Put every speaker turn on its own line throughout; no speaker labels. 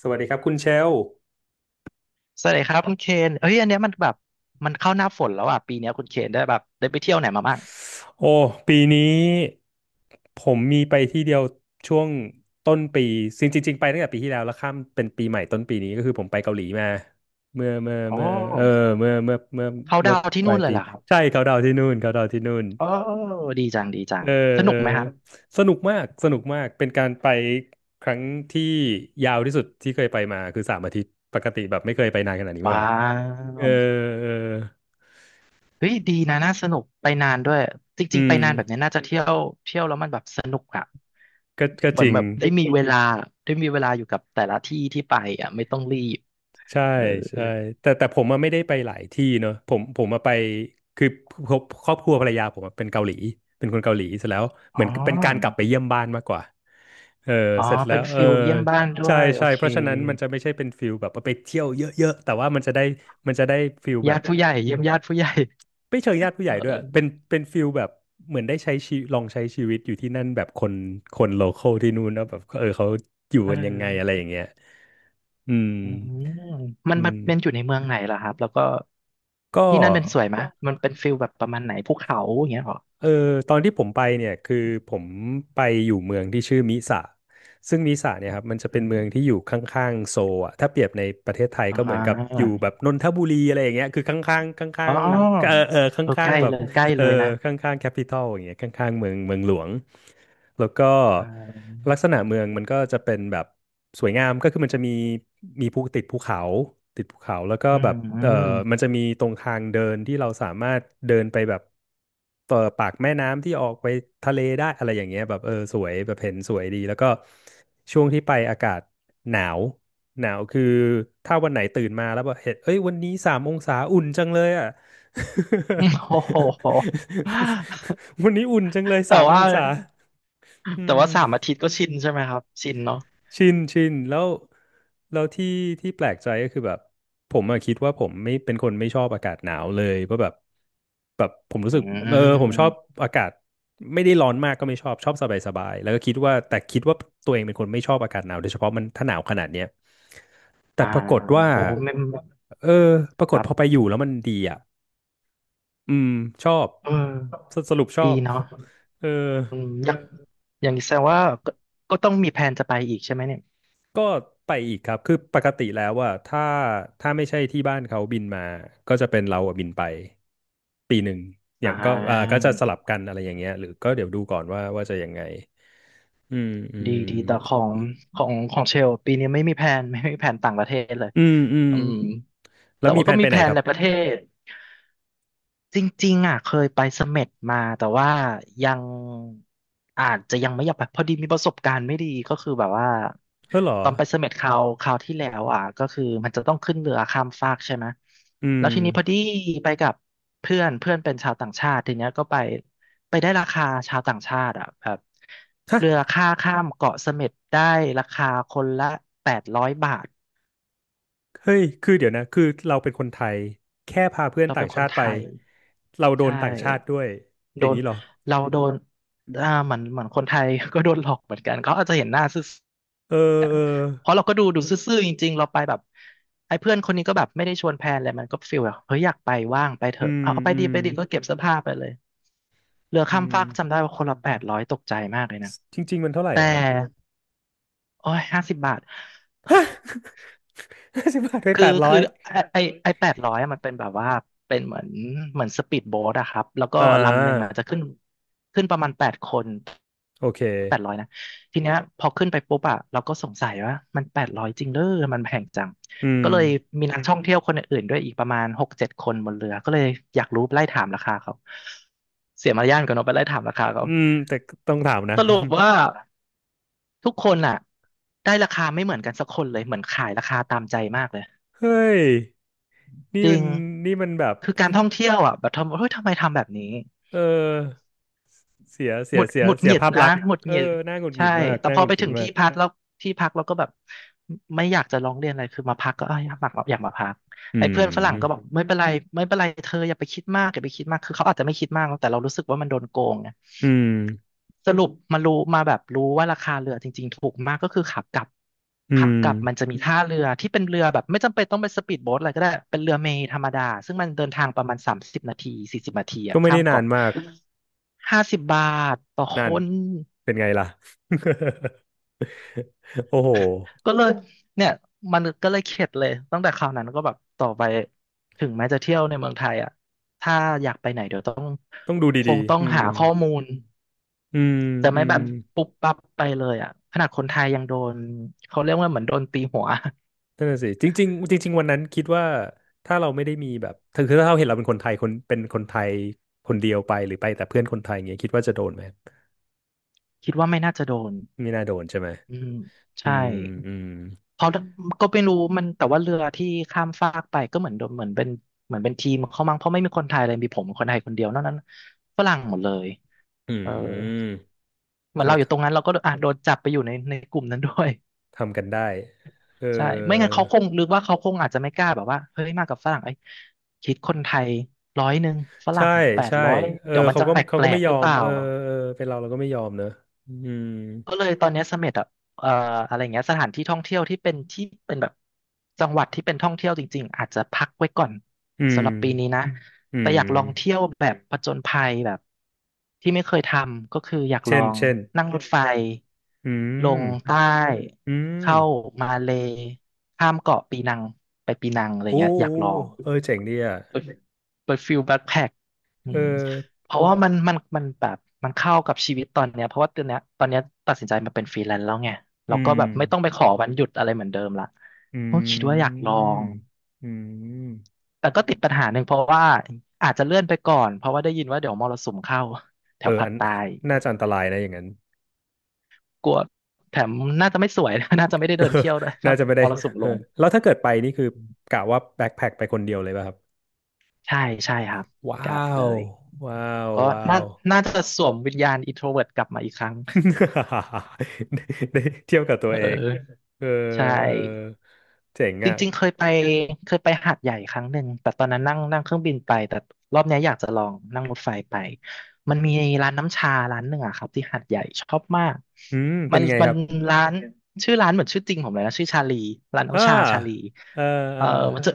สวัสดีครับคุณเชลล์
สวัสดีครับคุณเคนเอ้ยอันเนี้ยมันแบบมันเข้าหน้าฝนแล้วอ่ะปีเนี้ยคุณเคนได้แบบได้ไปเที่ยวไหนมาบ้าง
โอ้ปีนี้ผมมีไปที่เดียวช่วงต้นปีจริงจริงๆไปตั้งแต่ปีที่แล้วแล้วข้ามเป็นปีใหม่ต้นปีนี้ก็คือผมไปเกาหลีมาเมื่อเมื่อ
โอ
เมื่อเออ
้
เมื่อเมื่อเมื่อ
เขา
เมื่อ
ดาวน์ที่
ปลา
นู่
ย
นเล
ปี
ยเหรอครับ
ใช่เขาดาวน์ที่นู่นเขาดาวน์ที่นู่น
โอ้ดีจังดีจั
เอ
ง
อ
ส
เอ
นุ
อ
กไหมครับ
สนุกมากสนุกมากเป็นการไปครั้งที่ยาวที่สุดที่เคยไปมาคือ3 อาทิตย์ปกติแบบไม่เคยไปนานขนาดนี้มา
ว้า
ก่อนเออ
ว
เออ
เฮ้ยดีนะน่าสนุกไปนานด้วยจ
อื
ริงๆไป
ม
นานแบบเนี้ยน่าจะเที่ยวแล้วมันแบบสนุกอ่ะ
ก็
เห
จ
มือน
ริง
แบบได้มีเวลาอยู่กับแต่ละที่ที่ไปอ่ะไม่ต้องรีบ
ใช่
เออ
ใช่แต่ผมอะไม่ได้ไปหลายที่เนอะผมมาไปคือครอบครัวภรรยาผมอะเป็นเกาหลีเป็นคนเกาหลีเสร็จแล้วเห
อ๋อ
มือนเป็นการกลับไปเยี่ยมบ้านมากกว่าเออ
อ๋อ
เสร็จแล้
เป็น
วเออ
ฟิลเยี่ยมบ้านด้
ใช่
วยโอ
ใช่
เค
เพราะฉะนั้นมันจะไม่ใช่เป็นฟิลแบบว่าไปเที่ยวเยอะๆแต่ว่ามันจะได้ฟิลแบ
ญา
บ
ติผู้ใหญ่เยี่ยมญาติผู้ใหญ่
ไม่เชิงญาติผู้ใหญ่ด้วย
เอ
เป็
อ
นเป็นฟิลแบบเหมือนได้ใช้ชีลองใช้ชีวิตอยู่ที่นั่นแบบคนโลคอลที่นู่นแล้วแบบเออเขาอยู่
เอ
กันยังไงอะไร
อ
อย่างเงี้ยอืม
อืมมัน
อื
มัน
ม
เป็นอยู่ในเมืองไหนล่ะครับ แล้วก็
ก็
ที่นั่นเป็นสวยไหมมันเป็นฟิลแบบประมาณไหนภูเขาอย่างเงี้ยเหรอ
เออตอนที่ผมไปเนี่ยคือผมไปอยู่เมืองที่ชื่อมิสะซึ่งมิสะเนี่ยครับมันจะเป็
อื
นเมื
ม
องที่อยู่ข้างๆโซลอ่ะถ้าเปรียบในประเทศไทย
อ่
ก็เหมือนกับอยู่
า
แบบนนทบุรีอะไรอย่างเงี้ยคือข้างๆข้า
อ๋อ
งๆเออเออข
เออใก
้าง
ล้
ๆแบบ
เลยใกล้
เออ
เลยนะ
ข้างๆแคปิตอลอย่างเงี้ยข้างๆเมืองหลวงแล้วก็
อ่า
ลักษณะเมืองมันก็จะเป็นแบบสวยงามก็คือมันจะมีติดภูเขาแล้วก็
อื
แบ
ม
บ
อื
เออ
ม
มันจะมีตรงทางเดินที่เราสามารถเดินไปแบบต่อปากแม่น้ำที่ออกไปทะเลได้อะไรอย่างเงี้ยแบบเออสวยแบบเห็นสวยดีแล้วก็ช่วงที่ไปอากาศหนาวหนาวคือถ้าวันไหนตื่นมาแล้วแบบเห็นเอ้ยวันนี้สามองศาอุ่นจังเลยอ่ะ
โอ้โห
วันนี้อุ่นจังเลย
แต่
สามอ
ว่า
งศาอื
แต่
ม
ว่าสามอาทิตย์ก็ชินใช่ไหมครับ ชินเนาะ
ชินแล้วแล้วที่ที่แปลกใจก็คือแบบผมอะคิดว่าผมไม่เป็นคนไม่ชอบอากาศหนาวเลยเพราะแบบผมรู้
อื
สึกเออผมชอบ
ม
อากาศไม่ได้ร้อนมากก็ไม่ชอบชอบสบายสบายแล้วก็คิดว่าแต่คิดว่าตัวเองเป็นคนไม่ชอบอากาศหนาวโดยเฉพาะมันถ้าหนาวขนาดเนี้ยแต่
อ่า
ปรากฏว่า
โอ้โหไม่
เออปราก
ค
ฏ
รั
พอไป
บ
อยู่แล้วมันดีอ่ะ อืมชอบ
เออ
สรุปชอ
ดี
บ
เนาะ
เออ
อืมอย่างอย่างนี้แสดงว่าก็ก็ต้องมีแผนจะไปอีกใช่ไหมเนี่ย
ก็ไปอีกครับคือปกติแล้วว่าถ้าไม่ใช่ที่บ้านเขาบินมาก็จะเป็นเราอะบินไปปีหนึ่งอ
อ่
ย่างก็อ่าก็จะส
า
ลับกันอะไรอย่างเงี้ยหรือก็เดี๋ยวดูก่อนว่าจะยังไงอืมอื
ดี
ม
ดีแต่ของเชลปีนี้ไม่มีแผน ไม่มีแผนต่างประเทศเลย
อืมอืม
อืม
แล้
แต่
วมี
ว่า
แผ
ก็
น
มี
ไปไห
แผ
นค
น
รับ
ในประเทศ จริงๆอ่ะเคยไปเสม็ดมาแต่ว่ายังอาจจะยังไม่อยากไปพอดีมีประสบการณ์ไม่ดีก็คือแบบว่า
เออเหรอ
ตอนไปเสม็ดคราวที่แล้วอ่ะก็คือมันจะต้องขึ้นเรือข้ามฟากใช่ไหม
อื
แล้ว
ม
ทีนี้พอดีไปกับเพื่อนเพื่อนเป็นชาวต่างชาติทีเนี้ยก็ไปได้ราคาชาวต่างชาติอ่ะแบบเรือค่าข้ามเกาะเสม็ดได้ราคาคนละ800 บาท
เฮ้ยคือเดี๋ยวนะคือเราเป็นคนไทยแค่พาเพื่อน
เรา
ต่า
เป็
ง
นค
ชา
น
ติไป
ไทย
เราโด
ใช่
นต่างชาติด้วยอ
โด
ย่าง
น
นี้เหรอ
เราโดนอ่าเหมือนเหมือนคนไทย ก็โดนหลอกเหมือนกันเขาอาจจะเห็นหน้าซื่อ
เออเออ
เพราะเราก็ดูซื่อๆจริงๆเราไปแบบไอ้เพื่อนคนนี้ก็แบบไม่ได้ชวนแพลนอะไรมันก็ฟีลแบบเฮ้ยอยากไปว่างไปเถ
อื
อะ
ม
เอาไป
อื
ดี
ม
ไปดีก็เก็บเสื้อผ้าไปเลยเรือ
อื
ข้าม
ม
ฟากจำได้ว่าคนละแปดร้อยตกใจมากเลยนะ
จริงๆมันเท่าไหร่
แต่
อะครับ
โอ้ยห้าสิบบาท
ฮ50 บาทไป
คื
แป
อ
ดร้อ
คือ
ย
ไอไอแปดร้อยมันเป็นแบบว่าเป็นเหมือนเหมือนสปีดโบ๊ทอะครับแล้วก็
อ่
ลำหนึ่งมัน
า
จะขึ้นประมาณ8 คน
โอเค
แปดร้อยนะทีเนี้ยพอขึ้นไปปุ๊บอะเราก็สงสัยว่ามันแปดร้อยจริงเด้อมันแพงจัง
อืม
ก็เลยมีนักท่องเที่ยวคนอื่นๆด้วยอีกประมาณ6-7 คนบนเรือก็เลยอยากรู้ไล่ถามราคาเขาเสียมารยาทกันเนาะไปไล่ถามราคาเขา
อืมแต่ต้องถามนะ
สรุป ว่าทุกคนอะได้ราคาไม่เหมือนกันสักคนเลยเหมือนขายราคาตามใจมากเลย
เฮ้ยนี่
จริ
มัน
ง
นี่มันแบบ
คือการท่องเที่ยวอ่ะแบบทำเฮ้ยทำไมทำแบบนี้
เออเสียเสี
ห
ย
งุด
เสีย
หงุด
เสี
ห
ย
งิด
ภาพ
นะ
ลักษณ์
หงุด
เอ
หงิด
อน่าหงุดห
ใช่
งิดมาก
แต่
น่า
พ
ห
อ
งุด
ไป
หงิ
ถึ
ด
ง
มา
ที่
ก
พักแล้วที่พักเราก็แบบไม่อยากจะร้องเรียนอะไรคือมาพักก็เอยอยากมาพัก
อื
ไอ้เพื่อนฝรั่งก็บอก
ม
ไม่เป็นไรเธออย่าไปคิดมากอย่าไปคิดมากคือเขาอาจจะไม่คิดมากแต่เรารู้สึกว่ามันโดนโกงไง
อืม
สรุปมารู้มาแบบรู้ว่าราคาเรือจริงๆถูกมากก็คือขากลับ
อื
ขา
ม
กลับมันจะมีท่าเรือที่เป็นเรือแบบไม่จำเป็นต้องเป็นสปีดโบ๊ทอะไรก็ได้เป็นเรือเมล์ธรรมดาซึ่งมันเดินทางประมาณ30 นาที40 นาที
ก็
อะ
ไม่
ข้า
ได้
ม
นาน
เกาะ
มาก
ห้าสิบบาทต่อค
นั่น
น
เป็นไงล่ะ โอ้โห
ก็เลยเนี่ยมันก็เลยเข็ดเลยตั้งแต่คราวนั้นก็แบบต่อไปถึงแม้จะเที่ยวในเมืองไทยอะถ้าอยากไปไหนเดี๋ยวต้อง
ต้องดู
ค
ดี
งต้อ
ๆ
ง
อืม
หาข้อมูล
อืม
จะ
อื
ไม่แบ
ม
บปุ๊บปั๊บไปเลยอ่ะขนาดคนไทยยังโดนเขาเรียกว่าเหมือนโดนตีหัว
นั่นน่ะสิจริงๆจริงๆวันนั้นคิดว่าถ้าเราไม่ได้มีแบบถึงคือถ้าเราเห็นเราเป็นคนไทยคนเป็นคนไทยคนเดียวไปหรือไปแต่เพื่อนคนไทยอย่างเงี้ยคิดว่าจะโดนไหม
คิดว่าไม่น่าจะโดน
ไม่น่าโดนใช่ไหม
อืม
อื
ใช่
มอืม
เพราะก็ไม่รู้มันแต่ว่าเรือที่ข้ามฟากไปก็เหมือนโดนเหมือนเป็นทีมเขามั้งเพราะไม่มีคนไทยเลยมีผมคนไทยคนเดียวนอกนั้นฝรั่งหมดเลย
อื
เออ
ม
เหมือน
ทำ
เราอยู่ตรงนั้นเราก็อ่ะโดนจับไปอยู่ในกลุ่มนั้นด้วย
ทำกันได้เอ
ใช่ ไม่งั้น
อ
เขาคงนึกว่าเขาคงอาจจะไม่กล้าแบบว่า เฮ้ยมากับฝรั่งไอ้ยคิดคนไทยร้อยหนึ่งฝ
ใช่
รั่งแปด
ใช่
ร้อย
เออ
เดี๋ยวมัน
เขา
จะ
ก็
แปลก
เขา
แปล
ก็ไม่
ก
ย
ห
อ
รือเป
ม
ล่า
เออเออเป็นเราก็ไม่ยอมเนอะอืม
ก็เลยตอนเนี้ยเสม็ดอ่ะเอ่ออะไรเงี้ยสถานที่ท่องเที่ยวที่เป็นที่เป็นแบบจังหวัดที่เป็นท่องเที่ยวจริงๆอาจจะพักไว้ก่อน
อืม
สำหรับปีนี้นะ
อื
แต่อยากลองเที่ย
ม
วแบบผจญภัยแบบที่ไม่เคยทำก็คืออยากล
เช่
อ
น
ง
เช่น
นั่งรถไฟ
อื
ล
ม
งใต้
อืม
เข้ามาเลย์ข้ามเกาะปีนังไปปีนังอะไร
โอ้
เงี้ยอยาก
โอ้
ลอง
เออเจ๋งดีอ่ะ
เปิดเปิดฟิลแบ็คแพ็คอื
เอ
ม
อ
เพราะว่ามันแบบมันเข้ากับชีวิตตอนเนี้ยเพราะว่าตอนเนี้ยตัดสินใจมาเป็นฟรีแลนซ์แล้วไง
อื
เราก็
ม
แบบไม่ต้องไปขอวันหยุดอะไรเหมือนเดิมละ
อ
ก็คิดว่า
ื
อยากลอง
มอืม
แต่ก็ติดปัญหาหนึ่งเพราะว่าอาจจะเลื่อนไปก่อนเพราะว่าได้ยินว่าเดี๋ยวมรสุมเข้าแถ
เออ
วภา
อั
ค
น
ใต้
น่าจะอันตรายนะอย่างนั้น
กลัวแถมน่าจะไม่สวย น่าจะไม่ได้เดินเที่ยวด้วย
น่า
ถ้า
จะไม่
ม
ได้
รสุม
เอ
ล
อ
ง
แล้วถ้าเกิดไปนี่คือกะว่าแบ็คแพ็คไปคนเดียวเลยป่ะครับ
ใช่ใช่ครับกะ
ว้า
เล
ว
ย
ว้าว
ก็
ว้า
น่า
ว
น่าจะสวมวิญญาณ introvert กลับมาอีกครั้ง
ได้เที่ยวกับตั
เอ
ว
อ
เองเออ
ใช่
เออเจ๋ง
จ
อ่ะ
ริงๆเคยไปเคยไปหาดใหญ่ครั้งหนึ่งแต่ตอนนั้นนั่งนั่งเครื่องบินไปแต่รอบเนี้ยอยากจะลองนั่งรถไฟไปมันมีร้านน้ำชาร้านหนึ่งอะครับที่หาดใหญ่ชอบมาก
อืม
มั
เป็น
น
ไง
มั
ค
น
รับ
ร้านชื่อร้านเหมือนชื่อจริงผมเลยนะชื่อชาลีร้าน
อ่า
น้ำชาชาลี
เออเอ
เอ
อ
อมันจะ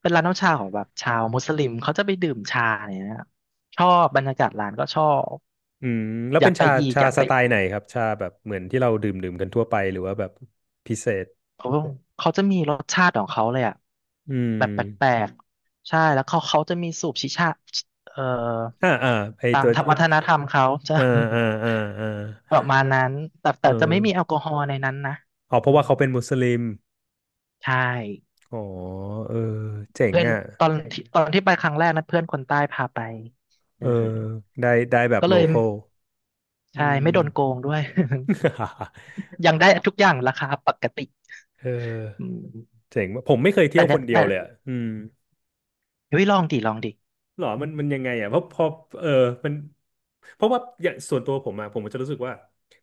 เป็นร้านน้ำชาของแบบชาวมุสลิมเขาจะไปดื่มชาเนี่ยนะชอบบรรยากาศร้านก็ชอบ
อืมแล้ว
อ
เป็
ยาก
น
ไป
ชา
อีก
ชา
อยาก
ส
ไป
ไตล์ไหน
อีก
ครับชาแบบเหมือนที่เราดื่มกันทั่วไปหรือว่าแบบพิเศษ
เขาเขาจะมีรสชาติของเขาเลยอ่ะ
อืม
แบบแปลกๆใช่แล้วเขาจะมีสูบชิชาเอ่อ
อ่าอ่าไอ
ตา
ตั
ม
ว
ธรรมวัฒนธรรมเขาจะ
อ่าอ่าอ่าอ่า
ประมาณนั้นแต่
เ
แต่จะไม่มีแอ
ออ
ลกอฮอล์ในนั้นนะ
อ๋อเพ
อื
ราะว่า
ม
เขาเป็นมุสลิม
ใช่
อ๋อเออเจ๋ง
เพื่อน
อ่ะ
ตอนที่ไปครั้งแรกนะเพื่อนคนใต้พาไปเอ
เอ
อ
อได้แบบ
ก็
โล
เลย
คอลอื
ใช่ไม่โด
ม
นโกงด้วย ยังได้ทุกอย่างราคาปกติ
เออ
อืม
เจ๋งว่ะผมไม่เคยเที่
แต่
ยวค
เนี่ย
นเดี
แต่
ยวเลยอ่ะอืม
เฮ้ยลองดิลองดิ
หรอมันยังไงอ่ะเพราะพอเออมันเพราะว่าอย่างส่วนตัวผมอะผมจะรู้สึกว่า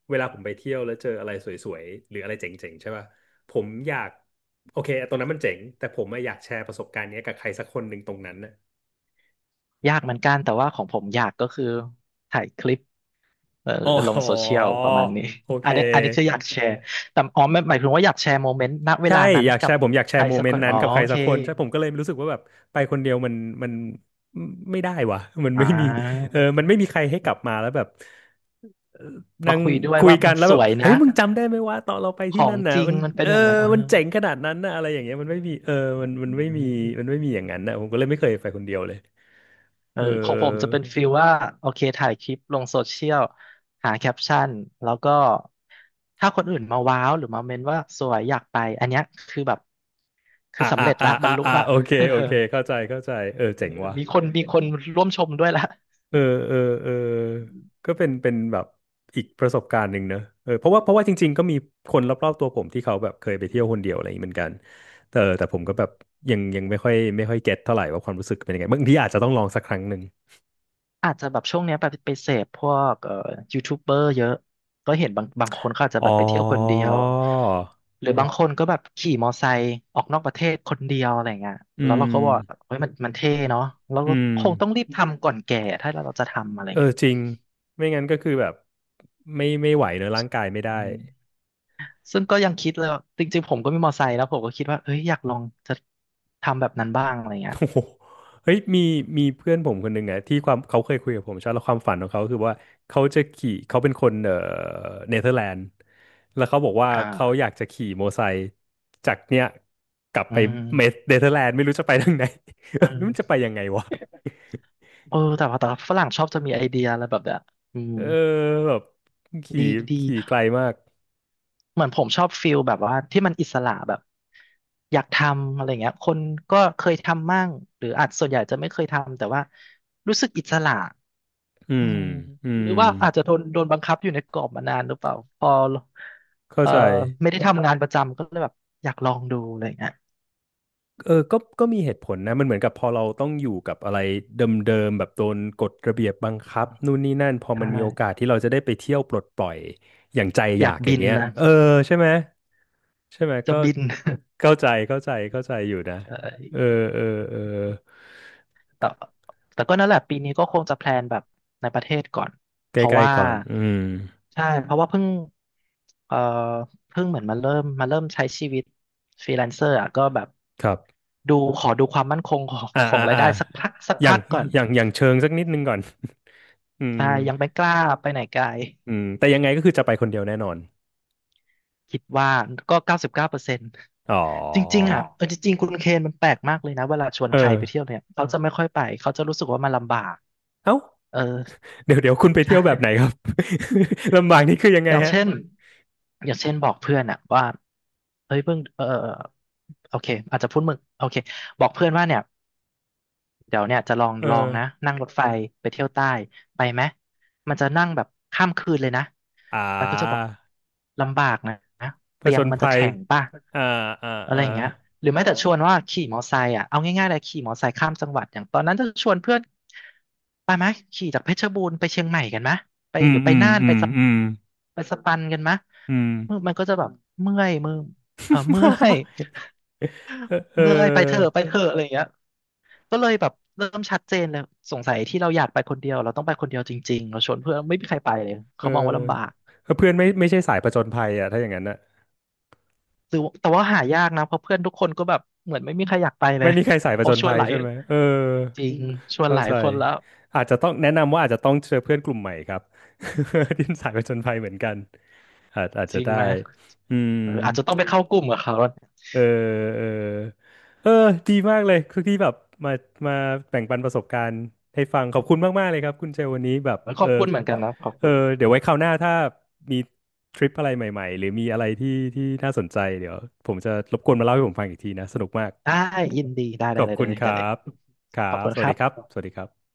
เวลาผมไปเที่ยวแล้วเจออะไรสวยๆหรืออะไรเจ๋งๆใช่ป่ะผมอยากโอเคตรงนั้นมันเจ๋งแต่ผมอะอยากแชร์ประสบการณ์เนี้ยกับใครสักคนหนึ่งตรงนั้นะ
ยากเหมือนกันแต่ว่าของผมยากก็คือถ่ายคลิปเออ
อ๋
ลง
อ
โซเชียลประมาณนี้
โอเค
อันนี้คืออยากแชร์แต่อ๋อไม่หมายถึงว่าอยากแชร์โมเมนต์ณเว
ใช่
ลานั้น
อยากแช
กับ
ร์ผมอยากแช
ใคร
ร์โม
สัก
เม
ค
นต์
น
นั้
อ๋
น
อ
กับใคร
โอ
สั
เค
กคนใช่ผมก็เลยรู้สึกว่าแบบไปคนเดียวมันไม่ได้ว่ะ มัน
อ่
ไม่มี
า
เออมันไม่มีใครให้กลับมาแล้วแบบเอ่อ
มา
นั่ง
คุยด้วย
คุย
ว่า
กั
มั
น
น
แล้ว
ส
แบบ
วย
เฮ้
นะ
ยมึงจำได้ไหมว่าตอนเราไป
ข
ที่
อ
นั่
ง
นน่ะ
จริง
มัน
มันเป็
เอ
น
อ
อย่างนั้นเอ
มัน
อ
เจ๋งขนาดนั้นน่ะอะไรอย่างเงี้ยมันไม่มีเออมันมั
อื
นไม่มีมัน
ม
ไม่มีอย่างนั้นน่ะผมก็เลยไม่เคยไปคนเดียวเลย
เออ
เอ
ของผมจะ
อ
เป็นฟีลว่าโอเคถ่ายคลิปลงโซเชียลหาแคปชั่นแล้วก็ถ้าคนอื่นมาว้าวหรือมาเมนว่าสวยอยากไปอันเนี้ยคือแบบคื
อ่ะ
อสำ
อ่ะ
เร็จ
อ่ะ
ละบร
อ่ะ
รลุ
อ่ะ
ละ
โอเคโอ เคเข้าใจเข้าใจเออเจ๋งว่ะ
มีคนร่วมชมด้วยละ
เออเออเออก็เป็นแบบอีกประสบการณ์หนึ่งเนอะเออเพราะว่าจริงๆก็มีคนรอบๆตัวผมที่เขาแบบเคยไปเที่ยวคนเดียวอะไรอย่างนี้เหมือนกันแต่ผมก็แบบยังไม่ค่อยเก็ตเท่าไหร่ว่าความรู้สึกเป็นยังไงบางทีอาจจะต้องลองสักครั้งหนึ่ง
อาจจะแบบช่วงเนี้ยไปไปเสพพวกยูทูบเบอร์เยอะ ก็เห็นบางบางคนเขาอาจจะ
อ๋
แบ
อ
บไปเที่ยวคนเดียว หรือ
โอ
บางคน
เค
ก็แบบขี่มอไซค์ออกนอกประเทศคนเดียวอะไรเงี้ย
อื
แล้วเรา
ม
ก็ว่าเฮ้ยมันเท่เนาะเรา
อื
ก็
ม
คงต้องรีบทำก่อนแก่ถ้าเราจะทำอะไร
เออ
เงี้ย
จริงไม่งั้นก็คือแบบไม่ไหวเนอะร่างกายไม่ได้
อืมซึ่งก็ยังคิดเลยว่าจริงๆผมก็มีมอไซค์แล้วผมก็คิดว่าเอ้ยอยากลองจะทำแบบนั้นบ้างอะไรเงี้ย
โอ้โหเฮ้ยมีเพื่อนผมคนหนึ่งอะที่ความเขาเคยคุยกับผมใช่ไหมแล้วความฝันของเขาคือว่าเขาจะขี่เขาเป็นคนเนเธอร์แลนด์แล้วเขาบอกว่า
อ
เขาอ
่า
ยากจะขี่มอไซค์จากเนี้ยกลับ
อื
ไปเม
ม
เนเธอร์แลนด์ไม่รู้จะไปทางไหน
อื ม
มันจะไปยังไงวะ
เออแต่ว่าฝรั่งชอบจะมีไอเดียอะไรแบบเนี้ยอืม
เออแบบขี่
ดีดี
ขี่ไกลมาก
เหมือนผมชอบฟิลแบบว่าที่มันอิสระแบบอยากทำอะไรเงี้ยคนก็เคยทำมั่งหรืออาจส่วนใหญ่จะไม่เคยทำแต่ว่ารู้สึกอิสระ
อื
อื
ม
ม
อื
ห
ม
รือว่าอาจจะโดนบังคับอยู่ในกรอบมานานหรือเปล่าพอ
เข้า
เอ่อ
ใจ
ไม่ได้ทำงานประจำก็เลยแบบอยากลองดูอะไรเงี้ย
เออก็มีเหตุผลนะมันเหมือนกับพอเราต้องอยู่กับอะไรเดิมๆแบบโดนกฎระเบียบบังคับนู่นนี่นั่นพอ
ใช
มันมีโอกาส
่
ที่เราจะได้ไปเที่ยวปลดปล่อยอย่างใจ
อ
อ
ยา
ยา
ก
กอ
บิ
ย่าง
น
เงี้ย
นะ
เออใช่ไหมใช่ไหม
จะ
ก็
บิน
เข้าใจเข้าใจเข้าใจอยู่นะ
ใช
เออ
่
เออเออ
แต่แต่ก็นั่นแหละปีนี้ก็คงจะแพลนแบบในประเทศก่อน
ใก
เพราะ
ล้
ว่า
ๆก่อนอืม
ใช่เพราะว่าเพิ่งเอ่อเพิ่งเหมือนมาเริ่มใช้ชีวิตฟรีแลนเซอร์อ่ะก็แบบ
ครับ
ดูขอดูความมั่นคง ของ
อ่า
ขอ
อ่า
งราย
อ่า
ได้สักพักสัก
อย่าง
พักก่อน
อย่างอย่างเชิงสักนิดนึงก่อน อืม
ใช่ยังไม่กล้าไปไหนไกล
อืมแต่ยังไงก็คือจะไปคนเดียวแน่นอน
คิดว่าก็99%
อ๋อ
จริงๆอ่ะเออจริงๆคุณเคนมันแปลกมากเลยนะเวลาชวน
เอ
ใครไปเที่ย
อ
วเนี่ยเขาจะไม่ค่อยไปเขาจะรู้สึกว่ามันลำบาก
เอ้า
เออ
เดี๋ยวเดี๋ยวคุณไปเที่ยวแบบไหน
ใช่
ครับ ลำบากนี่คือยังไง
อย่าง
ฮะ
เช่นอย่างเช่นบอกเพื่อนอะว่าเฮ้ยเพิ่งเออโอเคอาจจะพูดมึงโอเคบอกเพื่อนว่าเนี่ยเดี๋ยวเนี่ยจะลอง
เอ
ลอง
อ
นะนั่งรถไฟไปเที่ยวใต้ไปไหมมันจะนั่งแบบข้ามคืนเลยนะ
อ่
มันก็จะบอก
า
ลำบากนะ
ผ
เตี
จ
ยง
ญ
มันจะ
ภัย
แข็งป่ะ
อ่าอ่า
อะไร
อ่า
อย่างเงี้ยหรือแม้แต่ชวนว่าขี่มอไซค์อ่ะเอาง่ายๆเลยขี่มอไซค์ข้ามจังหวัดอย่างตอนนั้นจะชวนเพื่อนไปไหมขี่จากเพชรบูรณ์ไปเชียงใหม่กันไหมไป
อื
ห
ม
รือไป
อืม
น่าน
อื
ไป
ม
สะ
อืม
ไปสปันกันไหม
อืม
มือมันก็จะแบบเมื่อยมือเออเมื่อย
เออเอ อ
เมื่อยไปเถอะไปเถอะอะไรอย่างเงี้ยก็เลยแบบเริ่มชัดเจนเลยสงสัยที่เราอยากไปคนเดียวเราต้องไปคนเดียวจริงๆเราชวนเพื่อนไม่มีใครไปเลย
เ
เขามองว่าลำบาก
ออเพื่อนไม่ใช่สายผจญภัยอ่ะถ้าอย่างนั้นน่ะ
แต่ว่าหายากนะเพราะเพื่อนทุกคนก็แบบเหมือนไม่มีใครอยากไปเล
ไม่
ย
มีใครสายผ
เขา
จญ
ชว
ภั
น
ย
หลาย
ใช่ไหมเออ
จริงชวน
เข้า
หลา
ใจ
ยคนแล้ว
อาจจะต้องแนะนำว่าอาจจะต้องเจอเพื่อนกลุ่มใหม่ครับ ที่สายผจญภัยเหมือนกันอาจ
จ
จะ
ริง
ได้
ไหม
อืม
เอออาจจะต้องไปเข้ากลุ่มกับเขา
เออเออเออดีมากเลยคือที่แบบมามาแบ่งปันประสบการณ์ให้ฟัง ขอบคุณมากๆเลยครับ คุณเชลวันนี้แบบ
ข
เอ
อ
อ
บคุณเหมือนกันนะขอบ
เออ
คุณ
เดี๋ยวไว้คราวหน้าถ้ามีทริปอะไรใหม่ๆหรือมีอะไรที่น่าสนใจเดี๋ยวผมจะรบกวนมาเล่าให้ผมฟังอีกทีนะ สนุกมาก
ได้ยินดีได้
ข
ได้
อบ
เลย
คุ
ได้
ณ
เลย
ค
ได้
รั
เลย
บครั
ขอบ
บ
คุณ
ส
ค
วัส
รั
ดีครับ
บ
สวัสดีครับ